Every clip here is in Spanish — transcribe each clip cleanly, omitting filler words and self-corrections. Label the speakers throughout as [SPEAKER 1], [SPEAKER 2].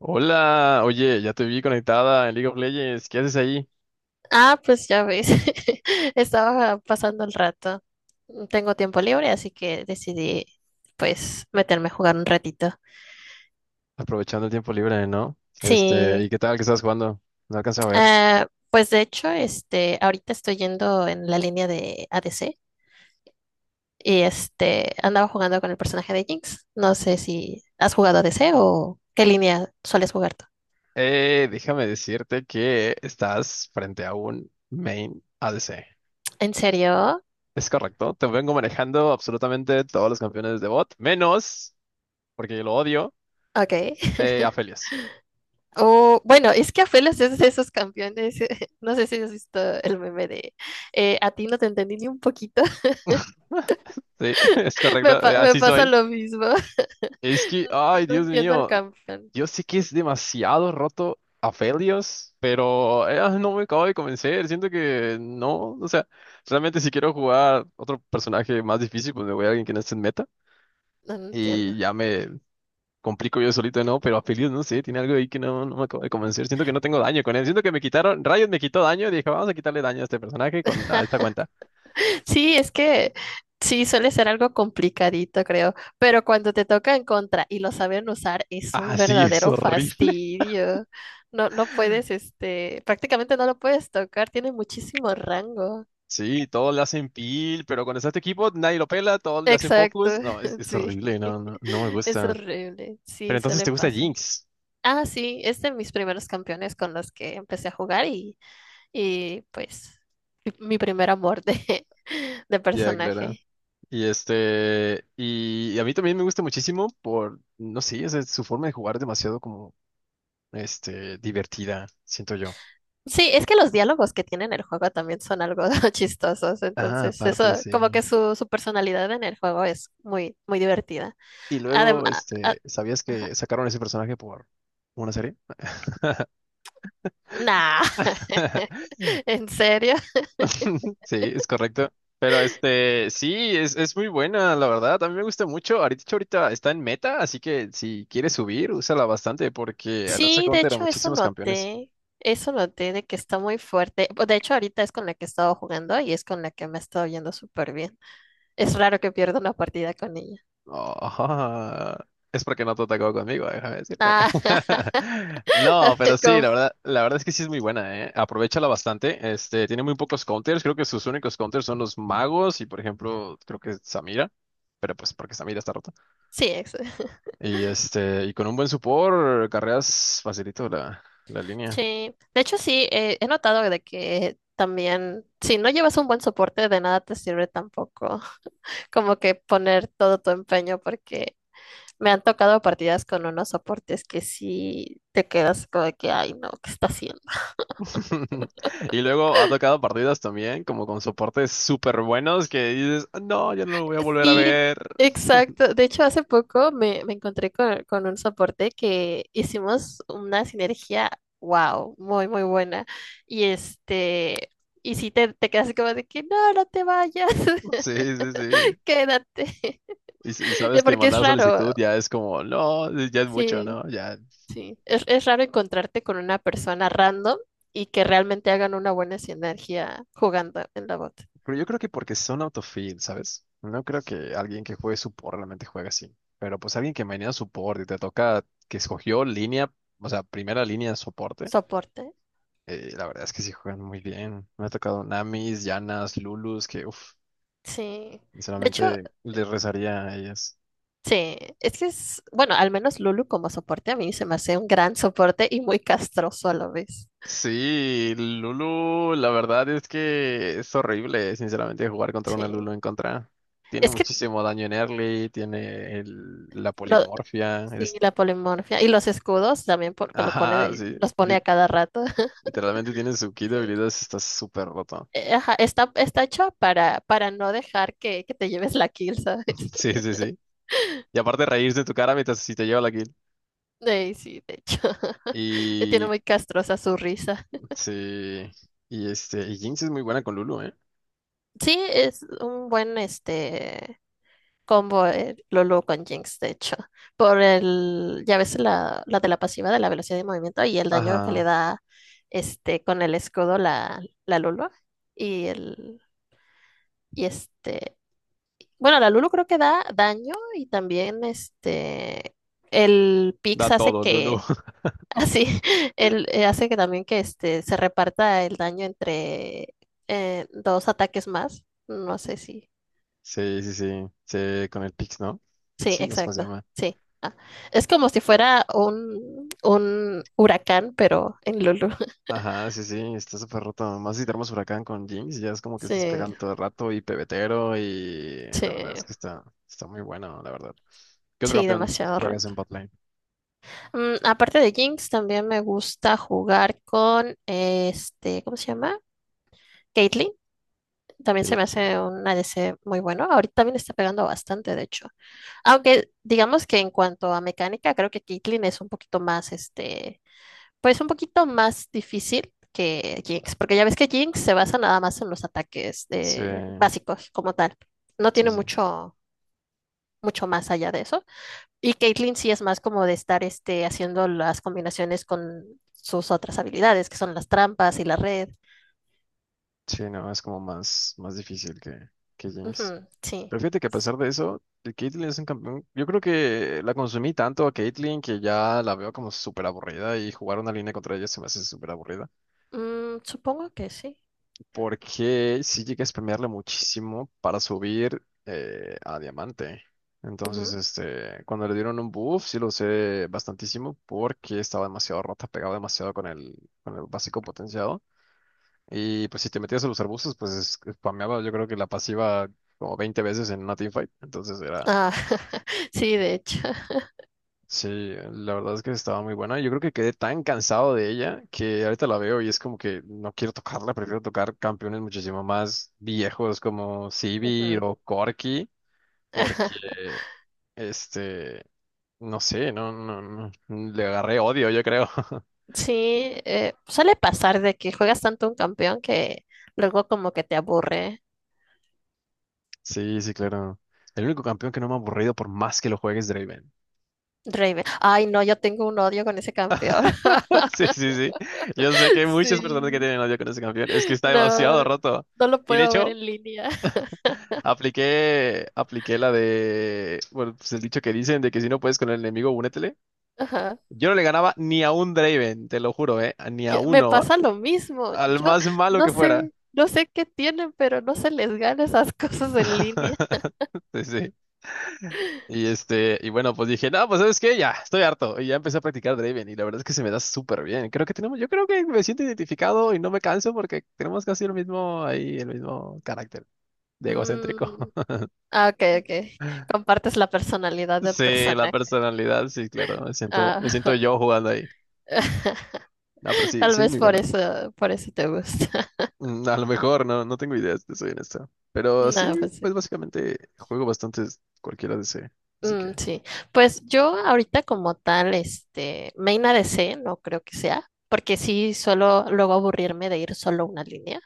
[SPEAKER 1] Hola, oye, ya te vi conectada en League of Legends. ¿Qué haces ahí?
[SPEAKER 2] Ah, pues ya ves, estaba pasando el rato. Tengo tiempo libre, así que decidí pues meterme a jugar un ratito.
[SPEAKER 1] Aprovechando el tiempo libre, ¿no? ¿Y
[SPEAKER 2] Sí,
[SPEAKER 1] qué tal? ¿Qué estás jugando? No alcanzo a ver.
[SPEAKER 2] ah, pues de hecho, este, ahorita estoy yendo en la línea de ADC y este, andaba jugando con el personaje de Jinx. No sé si has jugado ADC o qué línea sueles jugar tú.
[SPEAKER 1] Déjame decirte que estás frente a un main ADC.
[SPEAKER 2] ¿En serio?
[SPEAKER 1] Es correcto. Te vengo manejando absolutamente todos los campeones de bot, menos, porque lo odio,
[SPEAKER 2] Ok.
[SPEAKER 1] Aphelios.
[SPEAKER 2] O, bueno, es que Afelas es de esos campeones. No sé si has visto el meme de a ti no te entendí ni un poquito.
[SPEAKER 1] Sí, es
[SPEAKER 2] Me,
[SPEAKER 1] correcto. eh,
[SPEAKER 2] me
[SPEAKER 1] así
[SPEAKER 2] pasa
[SPEAKER 1] soy.
[SPEAKER 2] lo mismo.
[SPEAKER 1] Es que, ay,
[SPEAKER 2] No
[SPEAKER 1] Dios
[SPEAKER 2] entiendo al
[SPEAKER 1] mío.
[SPEAKER 2] campeón.
[SPEAKER 1] Yo sé que es demasiado roto a Felios, pero no me acabo de convencer. Siento que no. O sea, realmente si quiero jugar otro personaje más difícil, pues me voy a alguien que no esté en meta
[SPEAKER 2] No, no entiendo.
[SPEAKER 1] y ya me complico yo solito, ¿no? Pero a Felios, no sé, tiene algo ahí que no, no me acabo de convencer. Siento que no tengo daño con él. Siento que me quitaron, Riot me quitó daño. Dije, vamos a quitarle daño a este personaje con a esta cuenta.
[SPEAKER 2] Sí, es que sí, suele ser algo complicadito, creo. Pero cuando te toca en contra y lo saben usar, es un
[SPEAKER 1] Ah, sí, es
[SPEAKER 2] verdadero
[SPEAKER 1] horrible.
[SPEAKER 2] fastidio. No, no puedes, este, prácticamente no lo puedes tocar. Tiene muchísimo rango.
[SPEAKER 1] Sí, todos le hacen peel, pero cuando está este equipo, nadie lo pela, todos le hacen
[SPEAKER 2] Exacto,
[SPEAKER 1] focus. No, es, es
[SPEAKER 2] sí.
[SPEAKER 1] horrible, no, no, no me
[SPEAKER 2] Es
[SPEAKER 1] gusta.
[SPEAKER 2] horrible.
[SPEAKER 1] Pero
[SPEAKER 2] Sí,
[SPEAKER 1] entonces
[SPEAKER 2] suele
[SPEAKER 1] te gusta
[SPEAKER 2] pasar.
[SPEAKER 1] Jinx.
[SPEAKER 2] Ah, sí, es de mis primeros campeones con los que empecé a jugar y pues mi primer amor de, de
[SPEAKER 1] Ya, claro.
[SPEAKER 2] personaje.
[SPEAKER 1] Y a mí también me gusta muchísimo por, no sé, o sea, su forma de jugar es demasiado como, divertida, siento yo.
[SPEAKER 2] Sí, es que los diálogos que tiene en el juego también son algo chistosos,
[SPEAKER 1] Ah,
[SPEAKER 2] entonces
[SPEAKER 1] aparte,
[SPEAKER 2] eso, como
[SPEAKER 1] sí.
[SPEAKER 2] que su personalidad en el juego es muy, muy divertida.
[SPEAKER 1] Y
[SPEAKER 2] Además,
[SPEAKER 1] luego, ¿sabías que sacaron ese personaje por una serie?
[SPEAKER 2] nah, ¿en serio?
[SPEAKER 1] Sí, es correcto. Pero sí, es muy buena, la verdad. A mí me gusta mucho. Ahorita, de hecho, ahorita está en meta, así que si quieres subir, úsala bastante porque la saca
[SPEAKER 2] Sí, de
[SPEAKER 1] counter a
[SPEAKER 2] hecho
[SPEAKER 1] muchísimos campeones.
[SPEAKER 2] eso noté de que está muy fuerte. De hecho ahorita es con la que he estado jugando y es con la que me ha estado yendo súper bien. Es raro que pierda una partida con ella.
[SPEAKER 1] Oh, es porque no te atacó conmigo, déjame decirte.
[SPEAKER 2] Ah,
[SPEAKER 1] No, pero sí, la
[SPEAKER 2] como-
[SPEAKER 1] verdad, la verdad es que sí es muy buena, ¿eh? Aprovechala bastante. Tiene muy pocos counters. Creo que sus únicos counters son los magos y, por ejemplo, creo que Samira. Pero pues porque Samira está rota.
[SPEAKER 2] sí, eso.
[SPEAKER 1] Y con un buen support, carreras facilito la línea.
[SPEAKER 2] Sí, de hecho sí, he notado de que también si no llevas un buen soporte de nada te sirve tampoco como que poner todo tu empeño porque me han tocado partidas con unos soportes que sí te quedas como de que, ay no, ¿qué está haciendo?
[SPEAKER 1] Y luego ha tocado partidas también, como con soportes súper buenos que dices, no, yo no lo voy a volver a
[SPEAKER 2] Sí,
[SPEAKER 1] ver.
[SPEAKER 2] exacto. De hecho, hace poco me, me encontré con un soporte que hicimos una sinergia, wow, muy, muy buena. Y este, y sí te quedas así como de que no, no te vayas,
[SPEAKER 1] Sí, sí, sí.
[SPEAKER 2] quédate.
[SPEAKER 1] Y sabes que
[SPEAKER 2] Porque es
[SPEAKER 1] mandar
[SPEAKER 2] raro,
[SPEAKER 1] solicitud ya es como, no, ya es mucho,
[SPEAKER 2] sí,
[SPEAKER 1] ¿no? Ya.
[SPEAKER 2] sí. Es raro encontrarte con una persona random y que realmente hagan una buena sinergia jugando en la bot.
[SPEAKER 1] Pero yo creo que porque son autofill, ¿sabes? No creo que alguien que juegue support realmente juegue así. Pero pues alguien que maneja support y te toca que escogió línea, o sea, primera línea de soporte,
[SPEAKER 2] Soporte.
[SPEAKER 1] la verdad es que sí juegan muy bien. Me ha tocado Namis, Yanas, Lulus, que uff,
[SPEAKER 2] Sí. De hecho,
[SPEAKER 1] sinceramente les rezaría a ellas.
[SPEAKER 2] sí, es que es, bueno, al menos Lulu como soporte a mí se me hace un gran soporte y muy castroso a la vez.
[SPEAKER 1] Sí, Lulu, la verdad es que es horrible, sinceramente, jugar contra una
[SPEAKER 2] Sí,
[SPEAKER 1] Lulu en contra. Tiene
[SPEAKER 2] es que
[SPEAKER 1] muchísimo daño en early, tiene la
[SPEAKER 2] lo-
[SPEAKER 1] polimorfia,
[SPEAKER 2] sí,
[SPEAKER 1] es.
[SPEAKER 2] la polimorfia y los escudos también porque lo pone
[SPEAKER 1] Ajá,
[SPEAKER 2] de,
[SPEAKER 1] sí.
[SPEAKER 2] los pone a cada rato.
[SPEAKER 1] Literalmente tiene su kit de
[SPEAKER 2] Sí.
[SPEAKER 1] habilidades, está súper roto.
[SPEAKER 2] Ajá, está, está hecho para no dejar que te lleves la kill, ¿sabes?
[SPEAKER 1] Sí, sí, sí. Y aparte reírse de tu cara mientras si te lleva la kill.
[SPEAKER 2] Ey, sí, de hecho, le tiene
[SPEAKER 1] Y...
[SPEAKER 2] muy castrosa su risa.
[SPEAKER 1] Sí. Y Jinx es muy buena con Lulu, ¿eh?
[SPEAKER 2] Sí, es un buen este combo Lulu con Jinx, de hecho. Por el, ya ves la, la de la pasiva de la velocidad de movimiento y el daño que le
[SPEAKER 1] Ajá.
[SPEAKER 2] da este con el escudo la, la Lulu. Y el, y este, bueno, la Lulu creo que da daño y también este el
[SPEAKER 1] Da
[SPEAKER 2] Pix hace
[SPEAKER 1] todo, Lulu.
[SPEAKER 2] que así el hace que también que este se reparta el daño entre dos ataques más. No sé si.
[SPEAKER 1] Sí, sí, sí. Sí, con el Pix, ¿no?
[SPEAKER 2] Sí,
[SPEAKER 1] Pixie, no sé cómo se
[SPEAKER 2] exacto.
[SPEAKER 1] llama.
[SPEAKER 2] Sí. Ah, es como si fuera un huracán, pero en Lulu.
[SPEAKER 1] Ajá, sí, sí, está súper roto. Más si te armas huracán con Jinx, ya es como que estás
[SPEAKER 2] Sí,
[SPEAKER 1] pegando todo el rato y pebetero y
[SPEAKER 2] sí,
[SPEAKER 1] la verdad es que está muy bueno, la verdad. ¿Qué otro
[SPEAKER 2] sí,
[SPEAKER 1] campeón
[SPEAKER 2] demasiado
[SPEAKER 1] juegas en
[SPEAKER 2] roto.
[SPEAKER 1] botlane?
[SPEAKER 2] Mm, aparte de Jinx, también me gusta jugar con este, ¿cómo se llama? Caitlyn. También
[SPEAKER 1] Qué
[SPEAKER 2] se me
[SPEAKER 1] chido.
[SPEAKER 2] hace un ADC muy bueno. Ahorita también está pegando bastante, de hecho. Aunque digamos que en cuanto a mecánica, creo que Caitlyn es un poquito más este pues un poquito más difícil que Jinx, porque ya ves que Jinx se basa nada más en los ataques
[SPEAKER 1] Sí,
[SPEAKER 2] básicos como tal. No
[SPEAKER 1] sí,
[SPEAKER 2] tiene
[SPEAKER 1] sí.
[SPEAKER 2] mucho, mucho más allá de eso. Y Caitlyn sí es más como de estar este, haciendo las combinaciones con sus otras habilidades, que son las trampas y la red.
[SPEAKER 1] Sí, no, es como más difícil que Jinx.
[SPEAKER 2] Ujú, sí.
[SPEAKER 1] Pero fíjate que a pesar de eso, el Caitlyn es un campeón. Yo creo que la consumí tanto a Caitlyn que ya la veo como súper aburrida y jugar una línea contra ella se me hace súper aburrida.
[SPEAKER 2] Mm, supongo que sí.
[SPEAKER 1] Porque sí llegué a spamearle muchísimo para subir a diamante. Entonces,
[SPEAKER 2] Ujú.
[SPEAKER 1] cuando le dieron un buff, sí lo usé bastantísimo porque estaba demasiado rota, pegaba demasiado con el básico potenciado. Y pues si te metías a los arbustos, pues spameaba yo creo que la pasiva como 20 veces en una teamfight. Entonces era.
[SPEAKER 2] Ah, sí, de hecho.
[SPEAKER 1] Sí, la verdad es que estaba muy buena. Yo creo que quedé tan cansado de ella que ahorita la veo y es como que no quiero tocarla, prefiero tocar campeones muchísimo más viejos como Sivir
[SPEAKER 2] Ujú.
[SPEAKER 1] o Corki,
[SPEAKER 2] Ajá.
[SPEAKER 1] porque este, no sé, no, no, no, le agarré odio, yo creo.
[SPEAKER 2] Sí, suele pasar de que juegas tanto un campeón que luego como que te aburre
[SPEAKER 1] Sí, sí, claro. El único campeón que no me ha aburrido por más que lo juegues Draven.
[SPEAKER 2] Raven. Ay, no, yo tengo un odio con ese campeón.
[SPEAKER 1] Sí, sí, sí. Yo sé que hay muchas personas que
[SPEAKER 2] Sí.
[SPEAKER 1] tienen odio con ese campeón. Es que está demasiado
[SPEAKER 2] No,
[SPEAKER 1] roto.
[SPEAKER 2] no lo
[SPEAKER 1] Y de
[SPEAKER 2] puedo ver
[SPEAKER 1] hecho,
[SPEAKER 2] en línea.
[SPEAKER 1] apliqué la de, bueno, pues el dicho que dicen de que si no puedes con el enemigo, únetele.
[SPEAKER 2] Ajá.
[SPEAKER 1] Yo no le ganaba ni a un Draven, te lo juro, ¿eh? Ni a
[SPEAKER 2] Yo- me
[SPEAKER 1] uno,
[SPEAKER 2] pasa lo mismo.
[SPEAKER 1] al
[SPEAKER 2] Yo
[SPEAKER 1] más malo
[SPEAKER 2] no
[SPEAKER 1] que fuera.
[SPEAKER 2] sé, no sé qué tienen, pero no se les gana esas cosas en línea.
[SPEAKER 1] Sí, sí. Y bueno, pues dije, no, pues ¿sabes qué? Ya, estoy harto. Y ya empecé a practicar Draven y la verdad es que se me da súper bien. Creo que tenemos, yo creo que me siento identificado y no me canso porque tenemos casi el mismo ahí, el mismo carácter de egocéntrico.
[SPEAKER 2] Mm, ah, ok, ok. Compartes la personalidad del
[SPEAKER 1] Sí, la
[SPEAKER 2] personaje.
[SPEAKER 1] personalidad, sí, claro. Me siento
[SPEAKER 2] Ah,
[SPEAKER 1] yo jugando ahí. No, pero sí,
[SPEAKER 2] tal
[SPEAKER 1] sí es
[SPEAKER 2] vez
[SPEAKER 1] muy bueno.
[SPEAKER 2] por eso te gusta.
[SPEAKER 1] A lo mejor, no, no tengo ideas, te soy honesto. Pero
[SPEAKER 2] No,
[SPEAKER 1] sí,
[SPEAKER 2] pues
[SPEAKER 1] pues
[SPEAKER 2] sí.
[SPEAKER 1] básicamente juego bastantes cualquiera DC. Así
[SPEAKER 2] Mm,
[SPEAKER 1] que.
[SPEAKER 2] sí, pues yo ahorita como tal, este, main A D C no creo que sea, porque sí suelo luego aburrirme de ir solo una línea.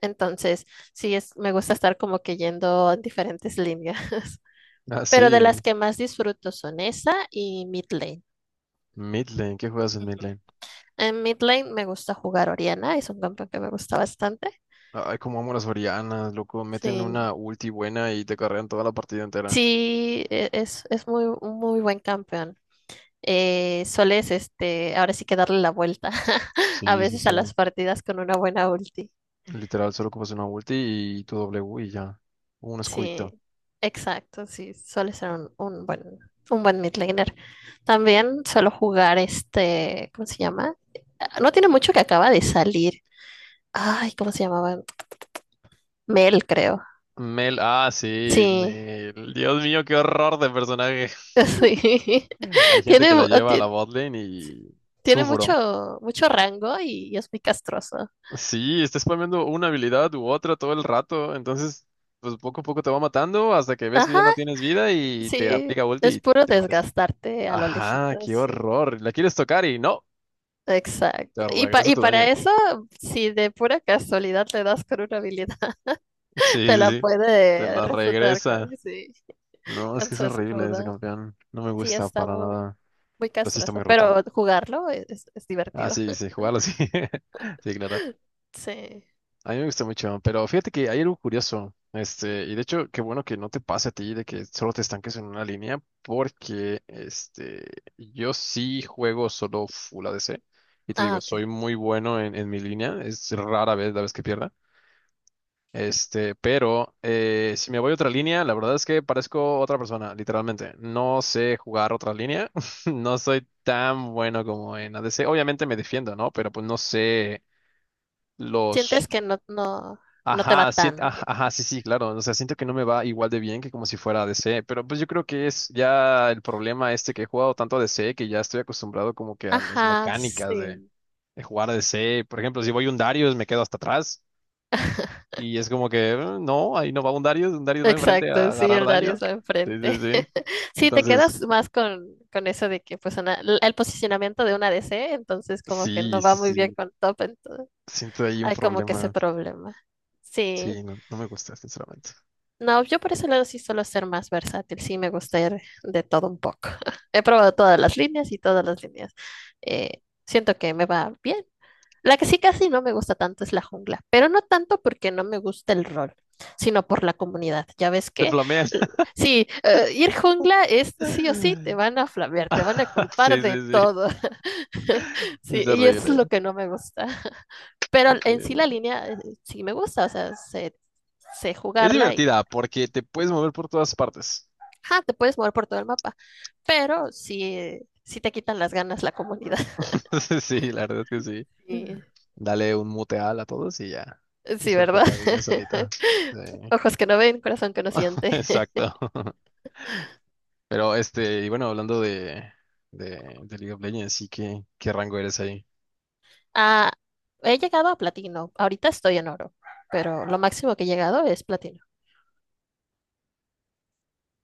[SPEAKER 2] Entonces, sí es, me gusta estar como que yendo en diferentes líneas.
[SPEAKER 1] Ah,
[SPEAKER 2] Pero de las
[SPEAKER 1] sí.
[SPEAKER 2] que más disfruto son esa y mid lane.
[SPEAKER 1] Midlane, ¿qué juegas en midlane?
[SPEAKER 2] En mid lane me gusta jugar Oriana, es un campeón que me gusta bastante.
[SPEAKER 1] Ay, como amo las Orianas, loco. Meten
[SPEAKER 2] Sí,
[SPEAKER 1] una ulti buena y te carrean toda la partida entera.
[SPEAKER 2] sí, es muy, un muy buen campeón. Sueles, este, ahora sí que darle la vuelta a
[SPEAKER 1] Sí, sí,
[SPEAKER 2] veces
[SPEAKER 1] sí.
[SPEAKER 2] a las partidas con una buena ulti.
[SPEAKER 1] Literal, solo ocupas una ulti y tu W y ya. Un
[SPEAKER 2] Sí,
[SPEAKER 1] escudito.
[SPEAKER 2] exacto, sí, suele ser un buen mid laner. También suelo jugar este, ¿cómo se llama? Ah, no tiene mucho que acaba de salir. Ay, ¿cómo se llamaba? Mel, creo.
[SPEAKER 1] Mel, ah, sí,
[SPEAKER 2] Sí,
[SPEAKER 1] Mel. Dios mío, qué horror de personaje.
[SPEAKER 2] sí.
[SPEAKER 1] Hay gente
[SPEAKER 2] Tiene,
[SPEAKER 1] que la lleva a la botlane y
[SPEAKER 2] tiene
[SPEAKER 1] sufro.
[SPEAKER 2] mucho, mucho rango y es muy castroso.
[SPEAKER 1] Sí, está spameando una habilidad u otra todo el rato, entonces pues poco a poco te va matando hasta que ves que ya
[SPEAKER 2] Ajá.
[SPEAKER 1] no tienes vida y te
[SPEAKER 2] Sí,
[SPEAKER 1] aplica ulti
[SPEAKER 2] es
[SPEAKER 1] y
[SPEAKER 2] puro
[SPEAKER 1] te mueres.
[SPEAKER 2] desgastarte a lo
[SPEAKER 1] Ajá,
[SPEAKER 2] lejitos,
[SPEAKER 1] qué
[SPEAKER 2] sí.
[SPEAKER 1] horror. La quieres tocar y no,
[SPEAKER 2] Exacto.
[SPEAKER 1] te
[SPEAKER 2] Y,
[SPEAKER 1] regresa
[SPEAKER 2] y
[SPEAKER 1] tu
[SPEAKER 2] para
[SPEAKER 1] daño.
[SPEAKER 2] eso, si de pura casualidad le das con una habilidad,
[SPEAKER 1] Sí,
[SPEAKER 2] te
[SPEAKER 1] sí,
[SPEAKER 2] la
[SPEAKER 1] sí, te
[SPEAKER 2] puede
[SPEAKER 1] la
[SPEAKER 2] refutar con,
[SPEAKER 1] regresa.
[SPEAKER 2] sí,
[SPEAKER 1] No, es
[SPEAKER 2] con
[SPEAKER 1] que es
[SPEAKER 2] su
[SPEAKER 1] horrible ese
[SPEAKER 2] escudo.
[SPEAKER 1] campeón. No me
[SPEAKER 2] Sí,
[SPEAKER 1] gusta
[SPEAKER 2] está
[SPEAKER 1] para
[SPEAKER 2] muy,
[SPEAKER 1] nada.
[SPEAKER 2] muy
[SPEAKER 1] Pero sí está
[SPEAKER 2] castroso,
[SPEAKER 1] muy roto.
[SPEAKER 2] pero jugarlo es, es
[SPEAKER 1] Ah,
[SPEAKER 2] divertido.
[SPEAKER 1] sí, sí, jugarlo sí. Sí, claro.
[SPEAKER 2] Sí.
[SPEAKER 1] A mí me gusta mucho, pero fíjate que hay algo curioso, y de hecho, qué bueno que no te pase a ti de que solo te estanques en una línea, porque, yo sí juego solo full ADC, y te
[SPEAKER 2] Ah,
[SPEAKER 1] digo,
[SPEAKER 2] ok.
[SPEAKER 1] soy
[SPEAKER 2] Ok.
[SPEAKER 1] muy bueno en mi línea, es rara vez la vez que pierda, pero si me voy a otra línea, la verdad es que parezco otra persona, literalmente, no sé jugar otra línea, no soy tan bueno como en ADC, obviamente me defiendo, ¿no? Pero pues no sé los.
[SPEAKER 2] Sientes que no, no, no te va
[SPEAKER 1] Ajá,
[SPEAKER 2] tan bien.
[SPEAKER 1] ajá, sí, sí, claro. O sea, siento que no me va igual de bien que como si fuera DC, pero pues yo creo que es ya el problema este que he jugado tanto a DC que ya estoy acostumbrado como que a las
[SPEAKER 2] Ajá,
[SPEAKER 1] mecánicas de,
[SPEAKER 2] sí.
[SPEAKER 1] de jugar a DC. Por ejemplo, si voy un Darius me quedo hasta atrás y es como que no, ahí no va un Darius va enfrente a
[SPEAKER 2] Exacto, sí,
[SPEAKER 1] agarrar
[SPEAKER 2] el Dario
[SPEAKER 1] daño."
[SPEAKER 2] está
[SPEAKER 1] Sí, sí,
[SPEAKER 2] enfrente.
[SPEAKER 1] sí.
[SPEAKER 2] Sí, te
[SPEAKER 1] Entonces,
[SPEAKER 2] quedas más con eso de que pues el posicionamiento de una DC, entonces como que
[SPEAKER 1] sí,
[SPEAKER 2] no va
[SPEAKER 1] sí,
[SPEAKER 2] muy bien
[SPEAKER 1] sí,
[SPEAKER 2] con top, entonces
[SPEAKER 1] siento ahí un
[SPEAKER 2] hay como que ese
[SPEAKER 1] problema.
[SPEAKER 2] problema. Sí,
[SPEAKER 1] Sí, no, no me gusta, sinceramente.
[SPEAKER 2] no, yo por ese lado sí suelo ser más versátil, sí me gusta ir de todo un poco. He probado todas las líneas y todas las líneas. Siento que me va bien. La que sí casi no me gusta tanto es la jungla, pero no tanto porque no me gusta el rol, sino por la comunidad. Ya ves
[SPEAKER 1] Te
[SPEAKER 2] que
[SPEAKER 1] flamean.
[SPEAKER 2] sí, ir jungla es sí o sí, te van a flamear, te van a culpar
[SPEAKER 1] Sí,
[SPEAKER 2] de
[SPEAKER 1] sí, sí,
[SPEAKER 2] todo. Sí,
[SPEAKER 1] es
[SPEAKER 2] y eso es
[SPEAKER 1] horrible.
[SPEAKER 2] lo que no me gusta. Pero en sí la
[SPEAKER 1] Sí.
[SPEAKER 2] línea sí me gusta, o sea, sé
[SPEAKER 1] Es
[SPEAKER 2] jugarla y
[SPEAKER 1] divertida porque te puedes mover por todas partes.
[SPEAKER 2] ajá, te puedes mover por todo el mapa. Pero sí, sí te quitan las ganas la comunidad.
[SPEAKER 1] sí, la verdad es que sí.
[SPEAKER 2] Sí,
[SPEAKER 1] Dale un muteal a todos y ya.
[SPEAKER 2] sí,
[SPEAKER 1] Disfruta
[SPEAKER 2] ¿verdad?
[SPEAKER 1] la vida solita. Sí,
[SPEAKER 2] Ojos que no ven, corazón que no siente.
[SPEAKER 1] exacto. Pero y bueno, hablando de, de League of Legends, sí, ¿Qué rango eres ahí?
[SPEAKER 2] Ah, he llegado a platino, ahorita estoy en oro, pero lo máximo que he llegado es platino.